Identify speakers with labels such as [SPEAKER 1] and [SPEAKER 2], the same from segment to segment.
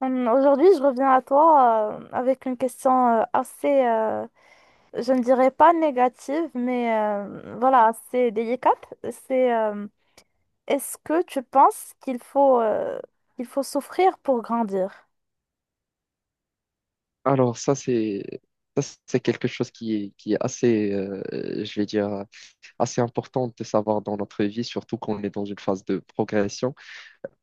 [SPEAKER 1] Aujourd'hui, je reviens à toi avec une question assez, je ne dirais pas négative, mais voilà, assez délicate. C'est Est-ce que tu penses qu'il faut souffrir pour grandir?
[SPEAKER 2] Alors ça c'est quelque chose qui est assez, je vais dire assez important de savoir dans notre vie surtout quand on est dans une phase de progression.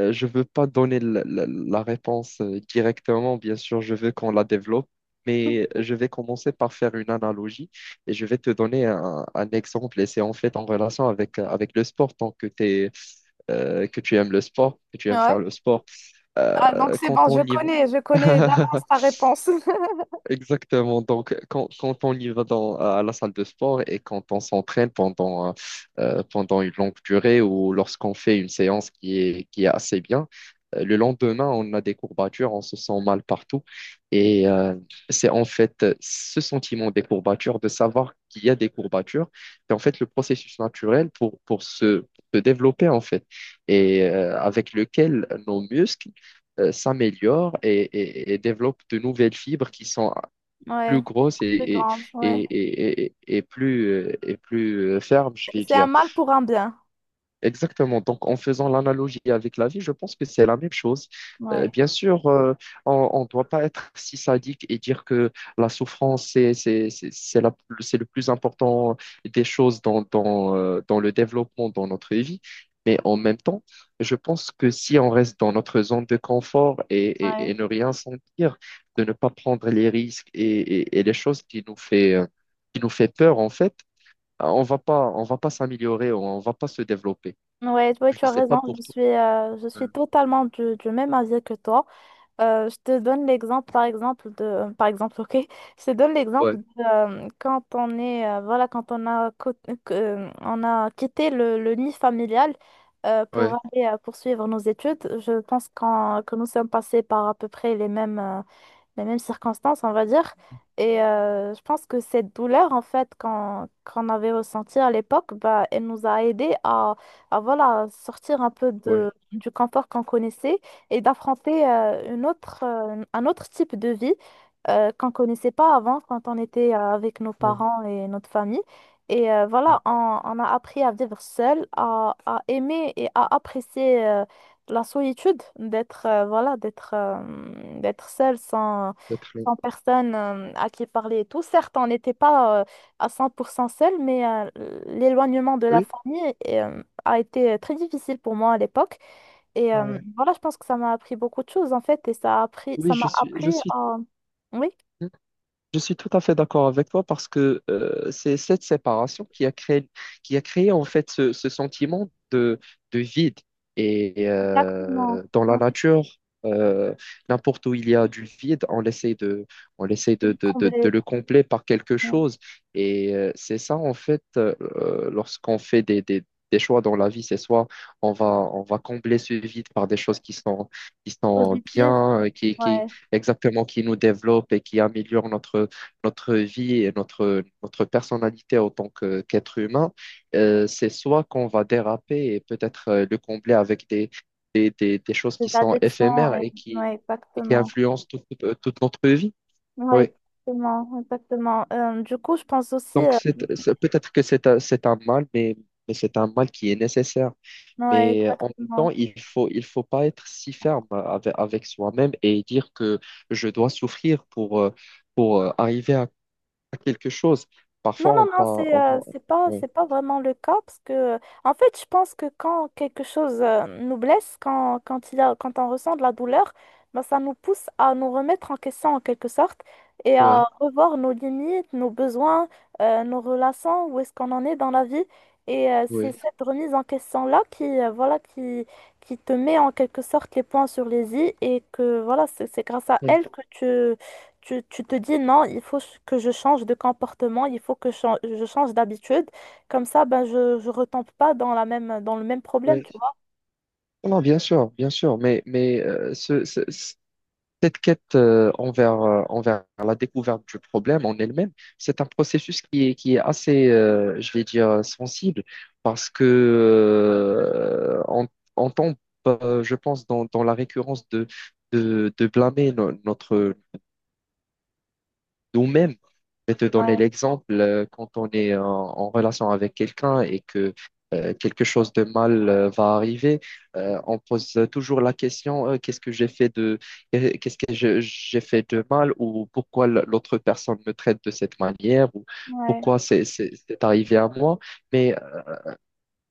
[SPEAKER 2] Je veux pas donner la réponse directement, bien sûr, je veux qu'on la développe, mais je vais commencer par faire une analogie et je vais te donner un exemple et c'est en fait en relation avec avec le sport tant que t'es, que tu aimes le sport, que tu aimes faire
[SPEAKER 1] Ouais.
[SPEAKER 2] le sport.
[SPEAKER 1] Ah, donc c'est
[SPEAKER 2] Quand
[SPEAKER 1] bon,
[SPEAKER 2] on y va
[SPEAKER 1] je connais d'avance ta réponse.
[SPEAKER 2] exactement. Donc, quand on y va à la salle de sport et quand on s'entraîne pendant, pendant une longue durée ou lorsqu'on fait une séance qui est assez bien, le lendemain, on a des courbatures, on se sent mal partout. Et euh, c'est en fait, ce sentiment des courbatures, de savoir qu'il y a des courbatures, c'est en fait le processus naturel pour, pour se développer, en fait, avec lequel nos muscles, s'améliore et développe de nouvelles fibres qui sont
[SPEAKER 1] Ouais,
[SPEAKER 2] plus grosse
[SPEAKER 1] plus grande, ouais.
[SPEAKER 2] et, et plus, et plus, ferme, je vais
[SPEAKER 1] C'est un
[SPEAKER 2] dire.
[SPEAKER 1] mal pour un bien.
[SPEAKER 2] Exactement. Donc, en faisant l'analogie avec la vie, je pense que c'est la même chose.
[SPEAKER 1] Ouais.
[SPEAKER 2] Bien sûr, on ne doit pas être si sadique et dire que la souffrance, c'est le plus important des choses dans le développement, dans notre vie. Mais en même temps, je pense que si on reste dans notre zone de confort et
[SPEAKER 1] Ouais.
[SPEAKER 2] ne rien sentir, de ne pas prendre les risques et les choses qui nous fait peur, en fait, on va pas s'améliorer, on va pas se développer.
[SPEAKER 1] Ouais, ouais, tu
[SPEAKER 2] Je
[SPEAKER 1] as
[SPEAKER 2] sais pas
[SPEAKER 1] raison.
[SPEAKER 2] pour toi.
[SPEAKER 1] Je suis
[SPEAKER 2] euh,
[SPEAKER 1] totalement du même avis que toi. Je te donne l'exemple, par exemple, de, par exemple, ok, je te donne l'exemple
[SPEAKER 2] Ouais,
[SPEAKER 1] de, quand on est, voilà, quand on a, on a quitté le nid familial pour
[SPEAKER 2] ouais,
[SPEAKER 1] aller poursuivre nos études, je pense que nous sommes passés par à peu près les mêmes circonstances, on va dire. Et je pense que cette douleur, en fait, qu'on avait ressentie à l'époque, bah, elle nous a aidés à voilà, sortir un peu de,
[SPEAKER 2] ouais.
[SPEAKER 1] du confort qu'on connaissait et d'affronter une autre, un autre type de vie qu'on connaissait pas avant quand on était avec nos
[SPEAKER 2] Ouais,
[SPEAKER 1] parents et notre famille. Et
[SPEAKER 2] ouais,
[SPEAKER 1] voilà, on a appris à vivre seul, à aimer et à apprécier la solitude, d'être voilà, d'être seul sans,
[SPEAKER 2] peut,
[SPEAKER 1] sans personne à qui parler et tout. Certes, on n'était pas à 100% seul, mais l'éloignement de la
[SPEAKER 2] oui,
[SPEAKER 1] famille a été très difficile pour moi à l'époque. Et
[SPEAKER 2] ouais.
[SPEAKER 1] voilà, je pense que ça m'a appris beaucoup de choses en fait, et ça a appris,
[SPEAKER 2] Oui,
[SPEAKER 1] ça m'a
[SPEAKER 2] je
[SPEAKER 1] appris
[SPEAKER 2] suis.
[SPEAKER 1] à... Oui,
[SPEAKER 2] Je suis tout à fait d'accord avec toi parce que, c'est cette séparation qui a créé en fait ce sentiment de vide. Et
[SPEAKER 1] exactement.
[SPEAKER 2] dans la
[SPEAKER 1] Ouais.
[SPEAKER 2] nature, euh, n'importe où il y a du vide, on essaie de
[SPEAKER 1] Combler,
[SPEAKER 2] le combler par quelque
[SPEAKER 1] ouais.
[SPEAKER 2] chose. Et c'est ça en fait, lorsqu'on fait des choix dans la vie, c'est soit on va combler ce vide par des choses qui sont
[SPEAKER 1] Positif,
[SPEAKER 2] bien,
[SPEAKER 1] ouais.
[SPEAKER 2] exactement qui nous développe et qui améliore notre vie et notre personnalité en tant que qu'être humain, c'est soit qu'on va déraper et peut-être le combler avec des choses
[SPEAKER 1] Les
[SPEAKER 2] qui sont
[SPEAKER 1] addictions,
[SPEAKER 2] éphémères
[SPEAKER 1] ouais, ouais,
[SPEAKER 2] et qui
[SPEAKER 1] exactement.
[SPEAKER 2] influencent toute, toute notre vie.
[SPEAKER 1] Ouais,
[SPEAKER 2] Oui.
[SPEAKER 1] exactement, exactement. Du coup, je pense aussi,
[SPEAKER 2] Donc, peut-être que c'est c'est un mal, mais c'est un mal qui est nécessaire.
[SPEAKER 1] ouais,
[SPEAKER 2] Mais en même
[SPEAKER 1] exactement.
[SPEAKER 2] temps, il faut pas être si ferme avec, avec soi-même et dire que je dois souffrir pour, arriver à quelque chose.
[SPEAKER 1] Non,
[SPEAKER 2] Parfois,
[SPEAKER 1] non,
[SPEAKER 2] on
[SPEAKER 1] non,
[SPEAKER 2] parle. Ouais,
[SPEAKER 1] c'est pas vraiment le cas parce que, en fait, je pense que quand quelque chose nous blesse, quand, quand, il y a, quand on ressent de la douleur, ben, ça nous pousse à nous remettre en question en quelque sorte et à
[SPEAKER 2] ouais,
[SPEAKER 1] revoir nos limites, nos besoins, nos relations, où est-ce qu'on en est dans la vie. Et c'est
[SPEAKER 2] ouais,
[SPEAKER 1] cette remise en question-là qui, voilà, qui te met en quelque sorte les points sur les i et que, voilà, c'est grâce à
[SPEAKER 2] ouais,
[SPEAKER 1] elle que tu tu, tu te dis non, que je change de comportement, il faut que je, je change d'habitude. Comme ça, ben, je retombe pas dans la même, dans le même problème,
[SPEAKER 2] ouais.
[SPEAKER 1] tu vois.
[SPEAKER 2] Non, bien sûr, bien sûr. Mais cette quête, envers la découverte du problème en elle-même, c'est un processus qui est assez, je vais dire, sensible parce que on tombe, je pense, dans la récurrence de blâmer notre, nous-mêmes. Je vais te donner
[SPEAKER 1] Ouais,
[SPEAKER 2] l'exemple, quand on est en relation avec quelqu'un et que, quelque chose de mal va arriver, on pose toujours la question, qu'est-ce que j'ai fait de mal ou pourquoi l'autre personne me traite de cette manière ou
[SPEAKER 1] ouais.
[SPEAKER 2] pourquoi c'est arrivé à moi. Mais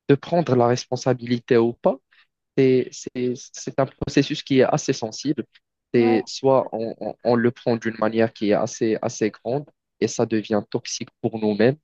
[SPEAKER 2] de prendre la responsabilité ou pas, c'est un processus qui est assez sensible.
[SPEAKER 1] Ouais,
[SPEAKER 2] C'est soit on le prend d'une manière qui est assez, assez grande et ça devient toxique pour nous-mêmes,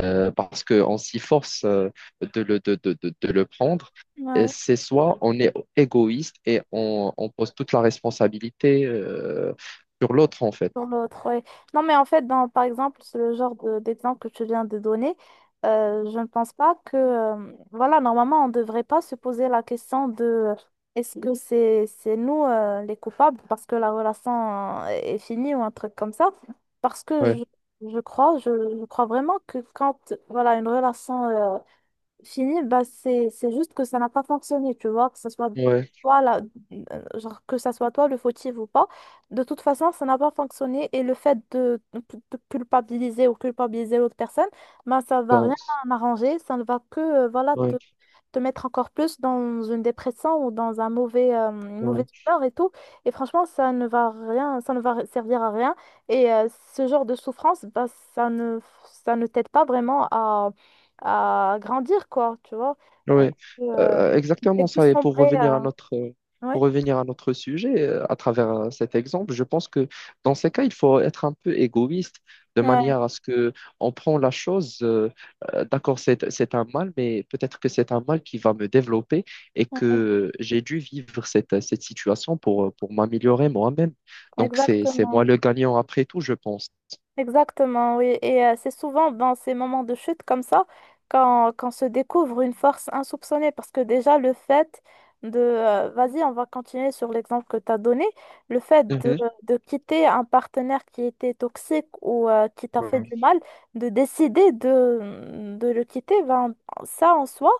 [SPEAKER 2] parce qu'on s'y force, de le prendre. Et
[SPEAKER 1] ouais.
[SPEAKER 2] c'est soit on est égoïste et on pose toute la responsabilité sur l'autre en fait.
[SPEAKER 1] Pour l'autre, oui. Non, mais en fait, dans, par exemple, c'est le genre de- d'exemple que tu viens de donner, je ne pense pas que, voilà, normalement, on ne devrait pas se poser la question de est-ce que c'est nous les coupables parce que la relation est finie ou un truc comme ça. Parce que
[SPEAKER 2] Ouais,
[SPEAKER 1] je crois, je, je crois vraiment que quand, voilà, une relation fini, bah c'est juste que ça n'a pas fonctionné, tu vois, que ça soit
[SPEAKER 2] ouais,
[SPEAKER 1] toi la- genre que ça soit toi le fautif ou pas. De toute façon, ça n'a pas fonctionné et le fait de culpabiliser ou culpabiliser l'autre personne, bah ça va rien
[SPEAKER 2] ça,
[SPEAKER 1] arranger, ça ne va que voilà
[SPEAKER 2] ouais,
[SPEAKER 1] te mettre encore plus dans une dépression ou dans un mauvais, une mauvaise
[SPEAKER 2] ouais.
[SPEAKER 1] humeur et tout. Et franchement, ça ne va rien, ça ne va servir à rien. Et ce genre de souffrance, bah, ça ne, ça ne t'aide pas vraiment à grandir, quoi, tu vois. Euh,
[SPEAKER 2] Oui,
[SPEAKER 1] euh, Tu
[SPEAKER 2] exactement
[SPEAKER 1] fais tout
[SPEAKER 2] ça. Et pour
[SPEAKER 1] sombrer.
[SPEAKER 2] revenir à notre,
[SPEAKER 1] Ouais,
[SPEAKER 2] pour revenir à notre sujet, à travers cet exemple, je pense que dans ces cas, il faut être un peu égoïste de
[SPEAKER 1] ouais,
[SPEAKER 2] manière à ce que on prend la chose. D'accord, c'est un mal, mais peut-être que c'est un mal qui va me développer et
[SPEAKER 1] ouais,
[SPEAKER 2] que j'ai dû vivre cette, cette situation pour m'améliorer moi-même. Donc, c'est moi
[SPEAKER 1] exactement.
[SPEAKER 2] le gagnant après tout, je pense.
[SPEAKER 1] Exactement, oui. Et c'est souvent dans ces moments de chute comme ça quand, quand se découvre une force insoupçonnée. Parce que déjà, le fait de... vas-y, on va continuer sur l'exemple que tu as donné. Le fait
[SPEAKER 2] Mhm.
[SPEAKER 1] de quitter un partenaire qui était toxique ou qui t'a fait
[SPEAKER 2] Ouais,
[SPEAKER 1] du mal, de décider de le quitter, ben, ça en soi,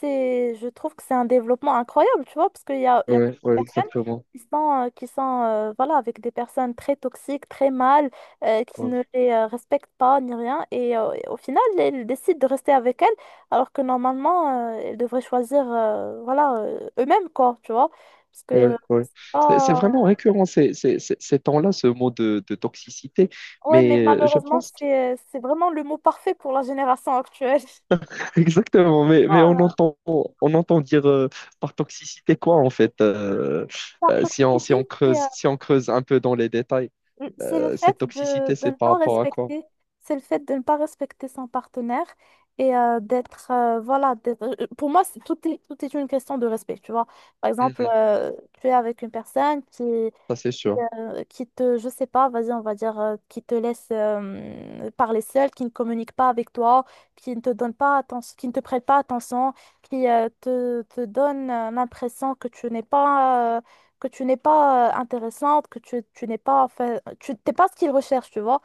[SPEAKER 1] c'est, je trouve que c'est un développement incroyable, tu vois, parce qu'il y a, il y a
[SPEAKER 2] ouais,
[SPEAKER 1] plusieurs
[SPEAKER 2] ouais,
[SPEAKER 1] personnes
[SPEAKER 2] exactement.
[SPEAKER 1] qui sont voilà, avec des personnes très toxiques, très mal qui ne les respectent pas ni rien. Et au final, ils décident de rester avec elle alors que normalement, ils devraient choisir voilà, eux-mêmes, quoi, tu vois. Parce que,
[SPEAKER 2] Ouais, ouais. C'est vraiment
[SPEAKER 1] oh,
[SPEAKER 2] récurrent ces, ces temps-là, ce mot de toxicité.
[SPEAKER 1] ouais, mais
[SPEAKER 2] Mais je
[SPEAKER 1] malheureusement,
[SPEAKER 2] pense que
[SPEAKER 1] c'est vraiment le mot parfait pour la génération actuelle.
[SPEAKER 2] exactement.
[SPEAKER 1] Oh,
[SPEAKER 2] Mais on entend dire, par toxicité quoi en fait,
[SPEAKER 1] par
[SPEAKER 2] si on, si on
[SPEAKER 1] toxicité,
[SPEAKER 2] creuse, si on creuse un peu dans les détails,
[SPEAKER 1] c'est le fait
[SPEAKER 2] cette toxicité,
[SPEAKER 1] de
[SPEAKER 2] c'est
[SPEAKER 1] ne
[SPEAKER 2] par
[SPEAKER 1] pas
[SPEAKER 2] rapport à quoi?
[SPEAKER 1] respecter, c'est le fait de ne pas respecter son partenaire et d'être, voilà, pour moi, c'est- tout est une question de respect, tu vois. Par exemple,
[SPEAKER 2] Mhm.
[SPEAKER 1] tu es avec une personne
[SPEAKER 2] Ça, c'est sûr.
[SPEAKER 1] qui te, je sais pas, vas-y, on va dire, qui te laisse parler seul, qui ne communique pas avec toi, qui ne te donne pas attention, qui ne te prête pas attention, qui te, te donne l'impression que tu n'es pas, que tu n'es pas intéressante, que tu n'es pas, enfin, tu t'es pas ce qu'il recherche, tu vois.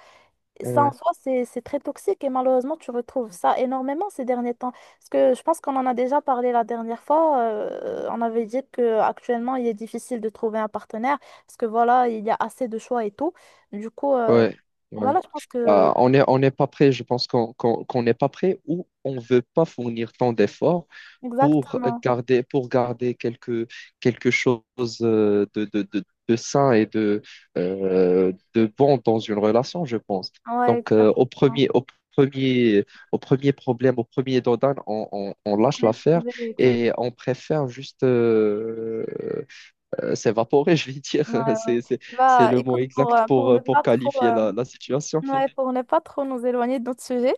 [SPEAKER 1] Ça en
[SPEAKER 2] Ouais,
[SPEAKER 1] soi, c'est très toxique et malheureusement, tu retrouves ça énormément ces derniers temps. Parce que je pense qu'on en a déjà parlé la dernière fois. On avait dit que actuellement il est difficile de trouver un partenaire parce que voilà, il y a assez de choix et tout. Du coup,
[SPEAKER 2] ouais, ouais.
[SPEAKER 1] voilà, je pense que...
[SPEAKER 2] On est, on n'est pas prêt. Je pense qu'on n'est pas prêt ou on veut pas fournir tant d'efforts
[SPEAKER 1] Exactement.
[SPEAKER 2] pour garder quelque, quelque chose, de sain et de bon dans une relation, je pense.
[SPEAKER 1] Ouais,
[SPEAKER 2] Donc,
[SPEAKER 1] exactement.
[SPEAKER 2] premier, au premier problème, au premier dodan, on lâche
[SPEAKER 1] On est
[SPEAKER 2] l'affaire
[SPEAKER 1] trouvé, exactement.
[SPEAKER 2] et on préfère juste, s'évaporer, je vais dire.
[SPEAKER 1] Ouais, ouais.
[SPEAKER 2] C'est, c'est, c'est
[SPEAKER 1] Bah,
[SPEAKER 2] le mot
[SPEAKER 1] écoute,
[SPEAKER 2] exact
[SPEAKER 1] pour ne
[SPEAKER 2] pour
[SPEAKER 1] pas trop,
[SPEAKER 2] qualifier la, la situation.
[SPEAKER 1] ouais, pour ne pas trop nous éloigner de notre sujet,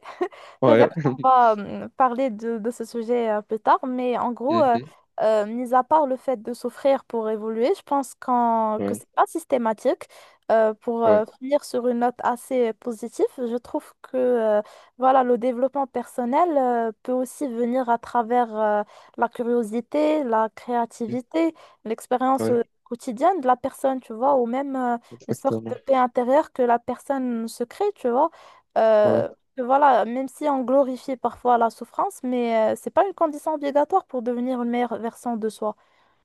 [SPEAKER 2] Ouais.
[SPEAKER 1] peut-être qu'on va parler de ce sujet plus tard, mais en gros,
[SPEAKER 2] Mhm.
[SPEAKER 1] mis à part le fait de souffrir pour évoluer, je pense que
[SPEAKER 2] Ouais,
[SPEAKER 1] c'est pas systématique. Pour
[SPEAKER 2] ouais,
[SPEAKER 1] finir sur une note assez positive, je trouve que voilà, le développement personnel peut aussi venir à travers la curiosité, la créativité, l'expérience
[SPEAKER 2] ouais,
[SPEAKER 1] quotidienne de la personne, tu vois, ou même une sorte de
[SPEAKER 2] exactement.
[SPEAKER 1] paix intérieure que la personne se crée, tu vois.
[SPEAKER 2] Ouais.
[SPEAKER 1] Euh, voilà, même si on glorifie parfois la souffrance, mais c'est pas une condition obligatoire pour devenir une meilleure version de soi.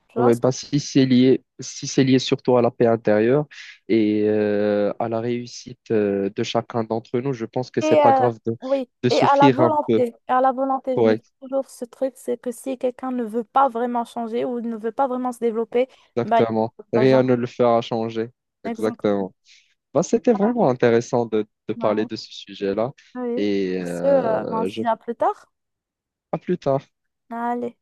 [SPEAKER 1] Tu vois?
[SPEAKER 2] Ouais, bah, si c'est lié, si c'est lié surtout à la paix intérieure et à la réussite de chacun d'entre nous, je pense que c'est
[SPEAKER 1] Et
[SPEAKER 2] pas grave
[SPEAKER 1] oui,
[SPEAKER 2] de
[SPEAKER 1] et
[SPEAKER 2] souffrir un peu.
[SPEAKER 1] à la volonté, je me
[SPEAKER 2] Ouais,
[SPEAKER 1] dis toujours ce truc, c'est que si quelqu'un ne veut pas vraiment changer ou ne veut pas vraiment se développer, bah il
[SPEAKER 2] exactement.
[SPEAKER 1] ne peut pas, genre.
[SPEAKER 2] Rien ne le fera changer.
[SPEAKER 1] Exactement.
[SPEAKER 2] Exactement. Bah, c'était vraiment intéressant de parler
[SPEAKER 1] Ouais,
[SPEAKER 2] de ce sujet-là
[SPEAKER 1] oui.
[SPEAKER 2] et
[SPEAKER 1] Sur ce, ben, on se
[SPEAKER 2] je,
[SPEAKER 1] dit à plus tard.
[SPEAKER 2] à plus tard.
[SPEAKER 1] Allez.